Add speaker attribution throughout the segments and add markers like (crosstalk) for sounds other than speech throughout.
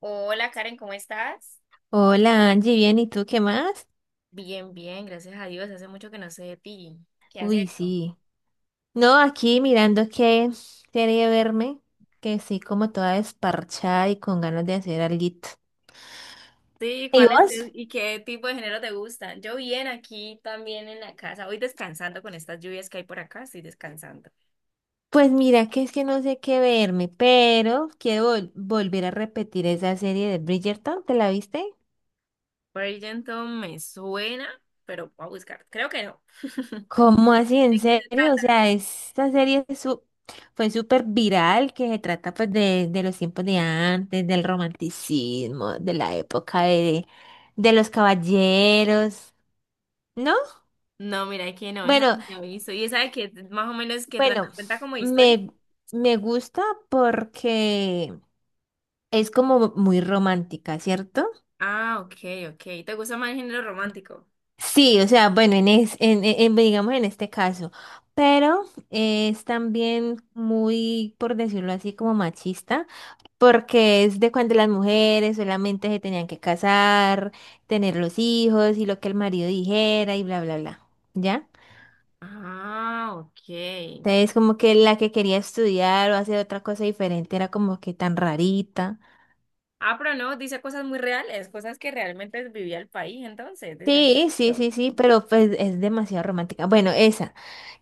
Speaker 1: Hola Karen, ¿cómo estás?
Speaker 2: Hola Angie, bien, ¿y tú qué más?
Speaker 1: Bien, gracias a Dios. Hace mucho que no sé de ti. ¿Qué has
Speaker 2: Uy,
Speaker 1: hecho?
Speaker 2: sí. No, aquí mirando qué serie verme, que sí, como toda desparchada y con ganas de hacer alguito.
Speaker 1: Sí,
Speaker 2: ¿Y
Speaker 1: ¿cuál es
Speaker 2: vos?
Speaker 1: qué tipo de género te gusta? Yo bien aquí también en la casa, hoy descansando con estas lluvias que hay por acá, estoy descansando.
Speaker 2: Pues mira que es que no sé qué verme, pero quiero volver a repetir esa serie de Bridgerton, ¿te la viste?
Speaker 1: Bridgerton me suena, pero voy a buscar. Creo que no. (laughs)
Speaker 2: ¿Cómo así? ¿En
Speaker 1: ¿De qué se trata?
Speaker 2: serio? O sea, esta serie es su- fue súper viral, que se trata pues de los tiempos de antes, del romanticismo, de la época de los caballeros, ¿no?
Speaker 1: No, mira, es que no, esa
Speaker 2: Bueno,
Speaker 1: no me he visto. ¿Y esa de qué más o menos que trata?
Speaker 2: bueno,
Speaker 1: ¿Cuenta como historia?
Speaker 2: me, me gusta porque es como muy romántica, ¿cierto?
Speaker 1: Ah, ok, ok. ¿Te gusta más el género romántico?
Speaker 2: Sí, o sea, bueno, en, es, en- digamos en este caso, pero es también muy, por decirlo así, como machista porque es de cuando las mujeres solamente se tenían que casar, tener los hijos y lo que el marido dijera y bla, bla, bla, ¿ya?
Speaker 1: Ah, ok.
Speaker 2: Entonces como que la que quería estudiar o hacer otra cosa diferente era como que tan rarita.
Speaker 1: Ah, pero no, dice cosas muy reales, cosas que realmente vivía el país, entonces, desde hace
Speaker 2: Sí, sí,
Speaker 1: mucho.
Speaker 2: sí, sí, pero pues es demasiado romántica. Bueno, esa.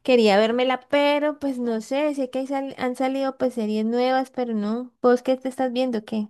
Speaker 2: Quería vérmela, pero pues no sé, sé que hay han salido pues series nuevas, pero no. ¿Vos qué te estás viendo? ¿Qué?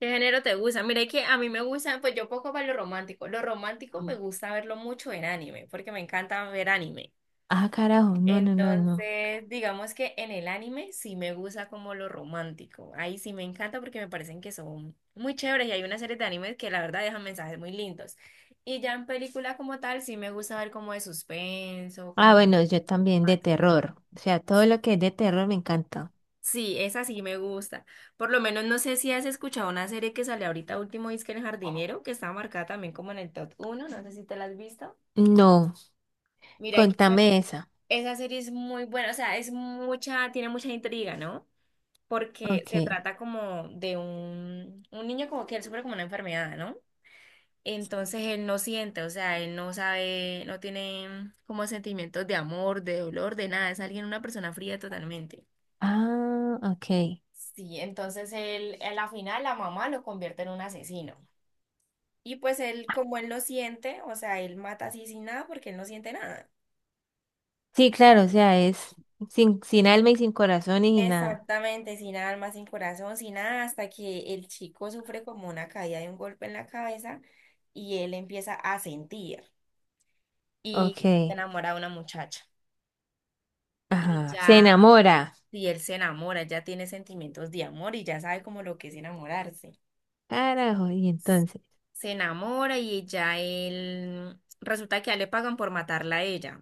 Speaker 1: ¿Qué género te gusta? Mira, es que a mí me gusta, pues yo poco para lo romántico. Lo romántico me gusta verlo mucho en anime, porque me encanta ver anime.
Speaker 2: Ah, carajo, no, no, no, no.
Speaker 1: Entonces, digamos que en el anime sí me gusta como lo romántico. Ahí sí me encanta porque me parecen que son muy chéveres y hay una serie de animes que la verdad dejan mensajes muy lindos. Y ya en película como tal sí me gusta ver como de suspenso, como
Speaker 2: Ah,
Speaker 1: de
Speaker 2: bueno, yo también de
Speaker 1: romance.
Speaker 2: terror. O sea, todo lo que es de terror me encanta.
Speaker 1: Sí, esa sí me gusta. Por lo menos no sé si has escuchado una serie que sale ahorita último, es que El Jardinero, que está marcada también como en el top uno. No sé si te la has visto.
Speaker 2: No,
Speaker 1: Mira que esa,
Speaker 2: contame esa.
Speaker 1: esa serie es muy buena, o sea, es mucha, tiene mucha intriga, ¿no? Porque se
Speaker 2: Ok.
Speaker 1: trata como de un niño como que él sufre como una enfermedad, ¿no? Entonces él no siente, o sea, él no sabe, no tiene como sentimientos de amor, de dolor, de nada, es alguien, una persona fría totalmente.
Speaker 2: Ah, ok.
Speaker 1: Sí, entonces él, a la final la mamá lo convierte en un asesino. Y pues él, como él no siente, o sea, él mata así sin nada porque él no siente nada.
Speaker 2: Sí, claro, o sea, es sin alma y sin corazón y nada.
Speaker 1: Exactamente, sin alma, sin corazón, sin nada, hasta que el chico sufre como una caída de un golpe en la cabeza y él empieza a sentir y
Speaker 2: Ok.
Speaker 1: se enamora de una muchacha. Y
Speaker 2: Ajá. Se
Speaker 1: ya,
Speaker 2: enamora.
Speaker 1: si él se enamora, ya tiene sentimientos de amor y ya sabe como lo que es enamorarse.
Speaker 2: Carajo, y entonces.
Speaker 1: Se enamora y ya él, resulta que ya le pagan por matarla a ella.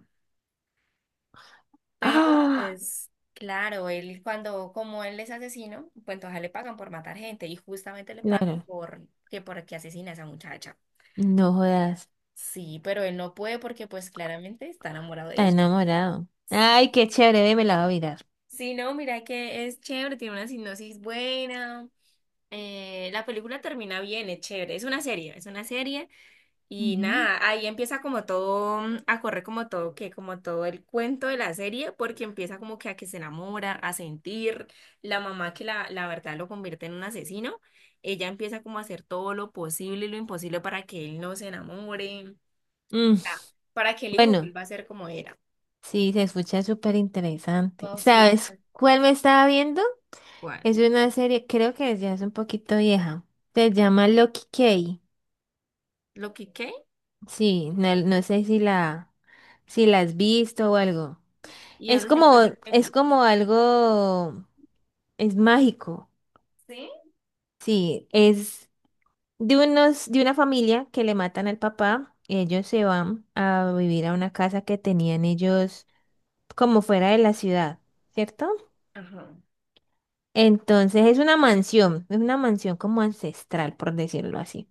Speaker 1: Pero
Speaker 2: Ah,
Speaker 1: pues claro, él cuando, como él es asesino, pues entonces a él le pagan por matar gente y justamente le pagan
Speaker 2: claro.
Speaker 1: por que asesina a esa muchacha.
Speaker 2: No jodas.
Speaker 1: Sí, pero él no puede porque pues claramente está enamorado de
Speaker 2: Está
Speaker 1: ella.
Speaker 2: enamorado. Ay, qué chévere, ve, me la voy a mirar.
Speaker 1: Sí, no, mira que es chévere, tiene una sinopsis buena. La película termina bien, es chévere. Es una serie, es una serie. Y
Speaker 2: Ujú.
Speaker 1: nada, ahí empieza como todo, a correr como todo, que como todo el cuento de la serie, porque empieza como que a que se enamora, a sentir, la mamá que la verdad lo convierte en un asesino, ella empieza como a hacer todo lo posible y lo imposible para que él no se enamore,
Speaker 2: Mm,
Speaker 1: ah, para que el hijo
Speaker 2: bueno,
Speaker 1: vuelva a ser como era.
Speaker 2: sí, se escucha súper interesante.
Speaker 1: No, sí.
Speaker 2: ¿Sabes cuál me estaba viendo?
Speaker 1: Igual
Speaker 2: Es una serie, creo que ya es un poquito vieja. Se llama Loki Key.
Speaker 1: lo que qué
Speaker 2: Sí, no, no sé si si la has visto o algo.
Speaker 1: y
Speaker 2: Es
Speaker 1: dónde se
Speaker 2: como,
Speaker 1: encuentra en
Speaker 2: es
Speaker 1: Netflix.
Speaker 2: como algo, es mágico.
Speaker 1: ¿Sí?
Speaker 2: Sí, es de unos, de una familia que le matan al papá. Y ellos se van a vivir a una casa que tenían ellos como fuera de la ciudad, ¿cierto?
Speaker 1: Ajá.
Speaker 2: Entonces es una mansión como ancestral, por decirlo así.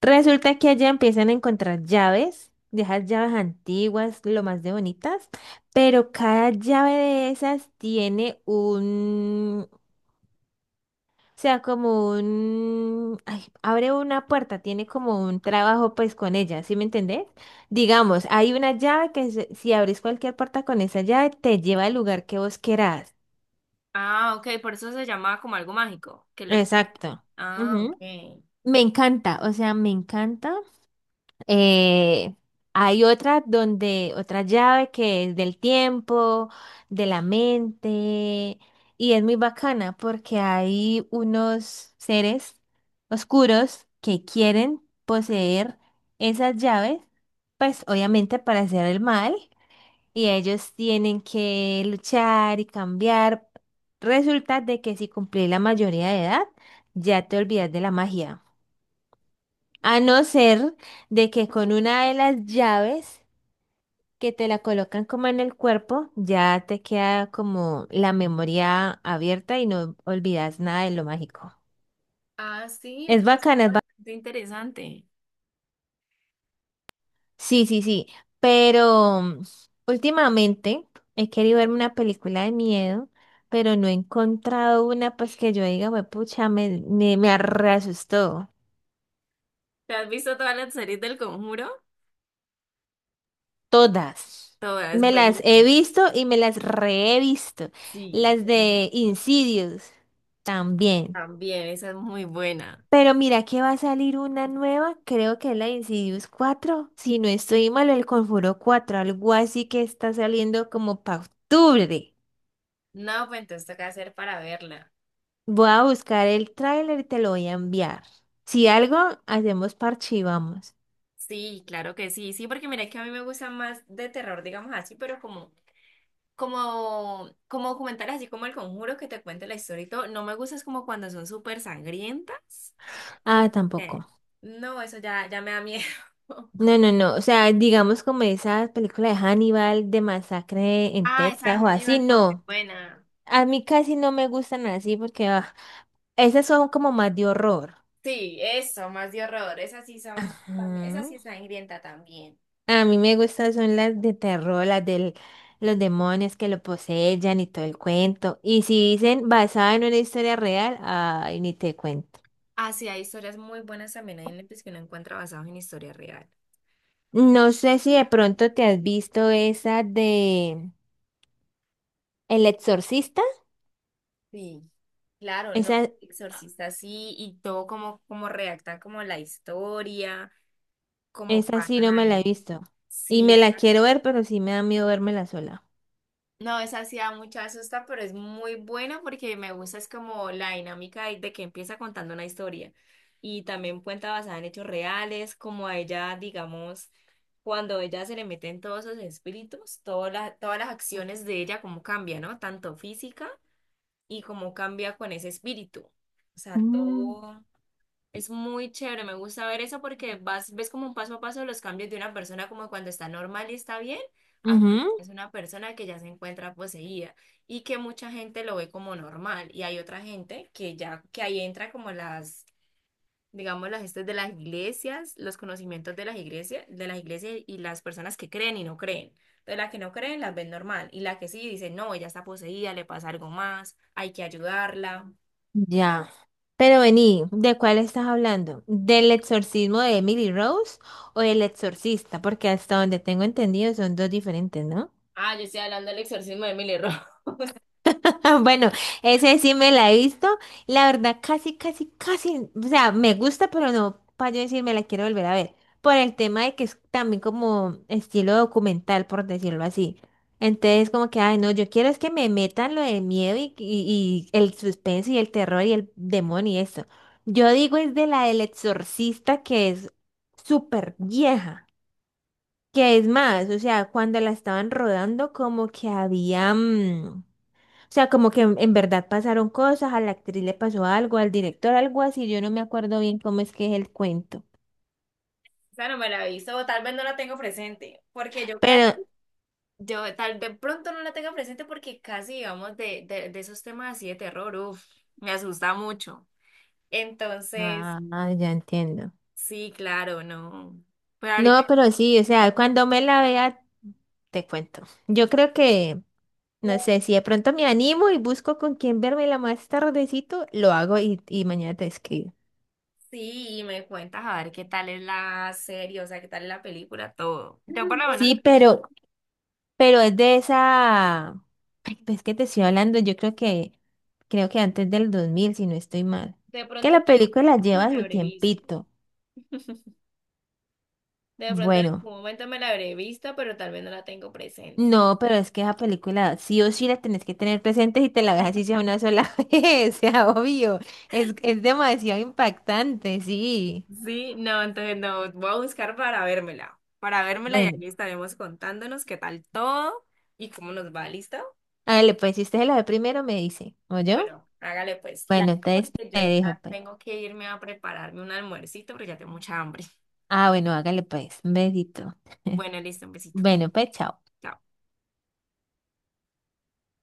Speaker 2: Resulta que allá empiezan a encontrar llaves, de esas llaves antiguas, lo más de bonitas, pero cada llave de esas tiene un, o sea, como un, ay, abre una puerta, tiene como un trabajo pues con ella, ¿sí me entendés? Digamos, hay una llave si abrís cualquier puerta con esa llave te lleva al lugar que vos querás.
Speaker 1: Ah, ok, por eso se llama como algo mágico, que es lo que...
Speaker 2: Exacto.
Speaker 1: Ah, ok.
Speaker 2: Ujú. Me encanta, o sea, me encanta. Eh, hay otras donde, otra llave que es del tiempo, de la mente, y es muy bacana porque hay unos seres oscuros que quieren poseer esas llaves, pues obviamente para hacer el mal, y ellos tienen que luchar y cambiar. Resulta de que si cumplís la mayoría de edad, ya te olvidas de la magia. A no ser de que con una de las llaves que te la colocan como en el cuerpo, ya te queda como la memoria abierta y no olvidas nada de lo mágico.
Speaker 1: Ah, sí,
Speaker 2: Es
Speaker 1: ¿ves?
Speaker 2: bacana, es
Speaker 1: Ah,
Speaker 2: bacana.
Speaker 1: qué interesante.
Speaker 2: Sí, sí, sí. Pero últimamente he querido verme una película de miedo, pero no he encontrado una pues que yo diga, "Hue pucha, me reasustó".
Speaker 1: ¿Te has visto todas las series del Conjuro?
Speaker 2: Todas.
Speaker 1: Todas,
Speaker 2: Me las he
Speaker 1: buenísimo.
Speaker 2: visto y me las re he visto.
Speaker 1: Sí,
Speaker 2: Las de
Speaker 1: buenísima.
Speaker 2: Insidious también.
Speaker 1: También, esa es muy buena.
Speaker 2: Pero mira que va a salir una nueva, creo que es la de Insidious 4 si no estoy mal, el Conjuro 4 algo así, que está saliendo como para octubre.
Speaker 1: No, pues entonces toca hacer para verla.
Speaker 2: Voy a buscar el tráiler y te lo voy a enviar. Si algo, hacemos parche y vamos.
Speaker 1: Sí, claro que sí, sí, porque mira que a mí me gusta más de terror, digamos así, pero como documentales así como El Conjuro que te cuente la historia y todo, no me gusta es como cuando son súper sangrientas,
Speaker 2: Ah,
Speaker 1: porque
Speaker 2: tampoco.
Speaker 1: no, eso ya me da miedo. (laughs)
Speaker 2: No, no, no. O sea, digamos como esas películas de Hannibal, de Masacre en
Speaker 1: Ah, esa de
Speaker 2: Texas o así,
Speaker 1: Hannibal fue muy
Speaker 2: no.
Speaker 1: buena.
Speaker 2: A mí casi no me gustan así porque esas son como más de horror.
Speaker 1: Sí, eso, más de horror. Esas sí son, también- esa sí
Speaker 2: Ujú.
Speaker 1: es sangrienta también.
Speaker 2: A mí me gustan son las de terror, las de los demonios que lo poseyan y todo el cuento. Y si dicen basada en una historia real, ay, ni te cuento.
Speaker 1: Ah, sí, hay historias muy buenas también hay Netflix que uno encuentra basados en historia real.
Speaker 2: No sé si de pronto te has visto esa de El Exorcista.
Speaker 1: Sí. Claro, no,
Speaker 2: Esa,
Speaker 1: Exorcista sí, y todo como, como redactan como la historia, como
Speaker 2: esa sí
Speaker 1: pasan
Speaker 2: no me la
Speaker 1: ahí.
Speaker 2: he visto. Y
Speaker 1: Sí,
Speaker 2: me la quiero ver, pero sí me da miedo vérmela sola.
Speaker 1: no, esa sí da mucha susta, pero es muy buena porque me gusta es como la dinámica de que empieza contando una historia y también cuenta basada en hechos reales, como a ella, digamos, cuando ella se le meten todos esos espíritus, todas las acciones de ella, cómo cambia, ¿no? Tanto física y cómo cambia con ese espíritu. O sea,
Speaker 2: Mm.
Speaker 1: todo. Es muy chévere, me gusta ver eso porque vas, ves como un paso a paso los cambios de una persona como cuando está normal y está bien, a cuando es
Speaker 2: Ujú.
Speaker 1: una persona que ya se encuentra poseída y que mucha gente lo ve como normal y hay otra gente que ya, que ahí entra como las, digamos, las estas de las iglesias, los conocimientos de las iglesias y las personas que creen y no creen. Entonces la que no creen las ven normal y la que sí dice, no, ella está poseída, le pasa algo más, hay que ayudarla.
Speaker 2: Ya. Pero vení, ¿de cuál estás hablando? ¿Del exorcismo de Emily Rose o del exorcista? Porque hasta donde tengo entendido son dos diferentes, ¿no?
Speaker 1: Ah, yo estoy hablando del exorcismo de Emily Rose.
Speaker 2: (laughs) Ah, bueno, ese sí me la he visto. La verdad, casi, casi, casi, o sea, me gusta, pero no para yo decir me la quiero volver a ver. Por el tema de que es también como estilo documental, por decirlo así. Entonces, como que, ay, no, yo quiero es que me metan lo del miedo y el suspenso y el terror y el demonio y eso. Yo digo es de la del exorcista que es súper vieja. Que es más, o sea, cuando la estaban rodando, como que había o sea, como que en verdad pasaron cosas, a la actriz le pasó algo, al director algo así, yo no me acuerdo bien cómo es que es el cuento.
Speaker 1: Esa no me la aviso, o tal vez no la tengo presente, porque yo casi,
Speaker 2: Pero,
Speaker 1: yo tal vez pronto no la tenga presente porque casi, digamos, de esos temas así de terror, uff, me asusta mucho. Entonces,
Speaker 2: ah, ya entiendo.
Speaker 1: sí, claro, no. Pero ahorita
Speaker 2: No, pero sí, o sea, cuando me la vea, te cuento. Yo creo que,
Speaker 1: tú
Speaker 2: no sé, si de pronto me animo y busco con quién verme la más tardecito, lo hago y mañana te escribo.
Speaker 1: sí, y me cuentas a ver qué tal es la serie, o sea, qué tal es la película, todo. Yo por lo menos,
Speaker 2: Sí, pero es de esa... Ay, pues que te estoy hablando, yo creo que... Creo que antes del 2000 si no estoy mal.
Speaker 1: de
Speaker 2: Que
Speaker 1: pronto en
Speaker 2: la
Speaker 1: algún
Speaker 2: película
Speaker 1: momento me
Speaker 2: lleva
Speaker 1: la
Speaker 2: su
Speaker 1: habré visto.
Speaker 2: tiempito.
Speaker 1: (laughs) De pronto en
Speaker 2: Bueno,
Speaker 1: algún momento me la habré visto, pero tal vez no la tengo presente.
Speaker 2: no, pero es que esa película sí o sí la tenés que tener presente si te la ves así sea una sola (laughs) vez, sea obvio. Es demasiado impactante, sí.
Speaker 1: Sí, no, entonces no, voy a buscar para vérmela y ahí
Speaker 2: Bueno,
Speaker 1: estaremos contándonos qué tal todo y cómo nos va, ¿listo?
Speaker 2: hágale pues, si usted se la ve primero me dice, ¿o yo?
Speaker 1: Bueno, hágale pues, la
Speaker 2: Bueno, entonces
Speaker 1: porque
Speaker 2: te
Speaker 1: yo
Speaker 2: dejo
Speaker 1: ya
Speaker 2: pues.
Speaker 1: tengo que irme a prepararme un almuercito porque ya tengo mucha hambre.
Speaker 2: Ah, bueno, hágale pues, un besito. (laughs)
Speaker 1: Bueno, listo, un besito.
Speaker 2: Bueno, pues, chao.
Speaker 1: Chao.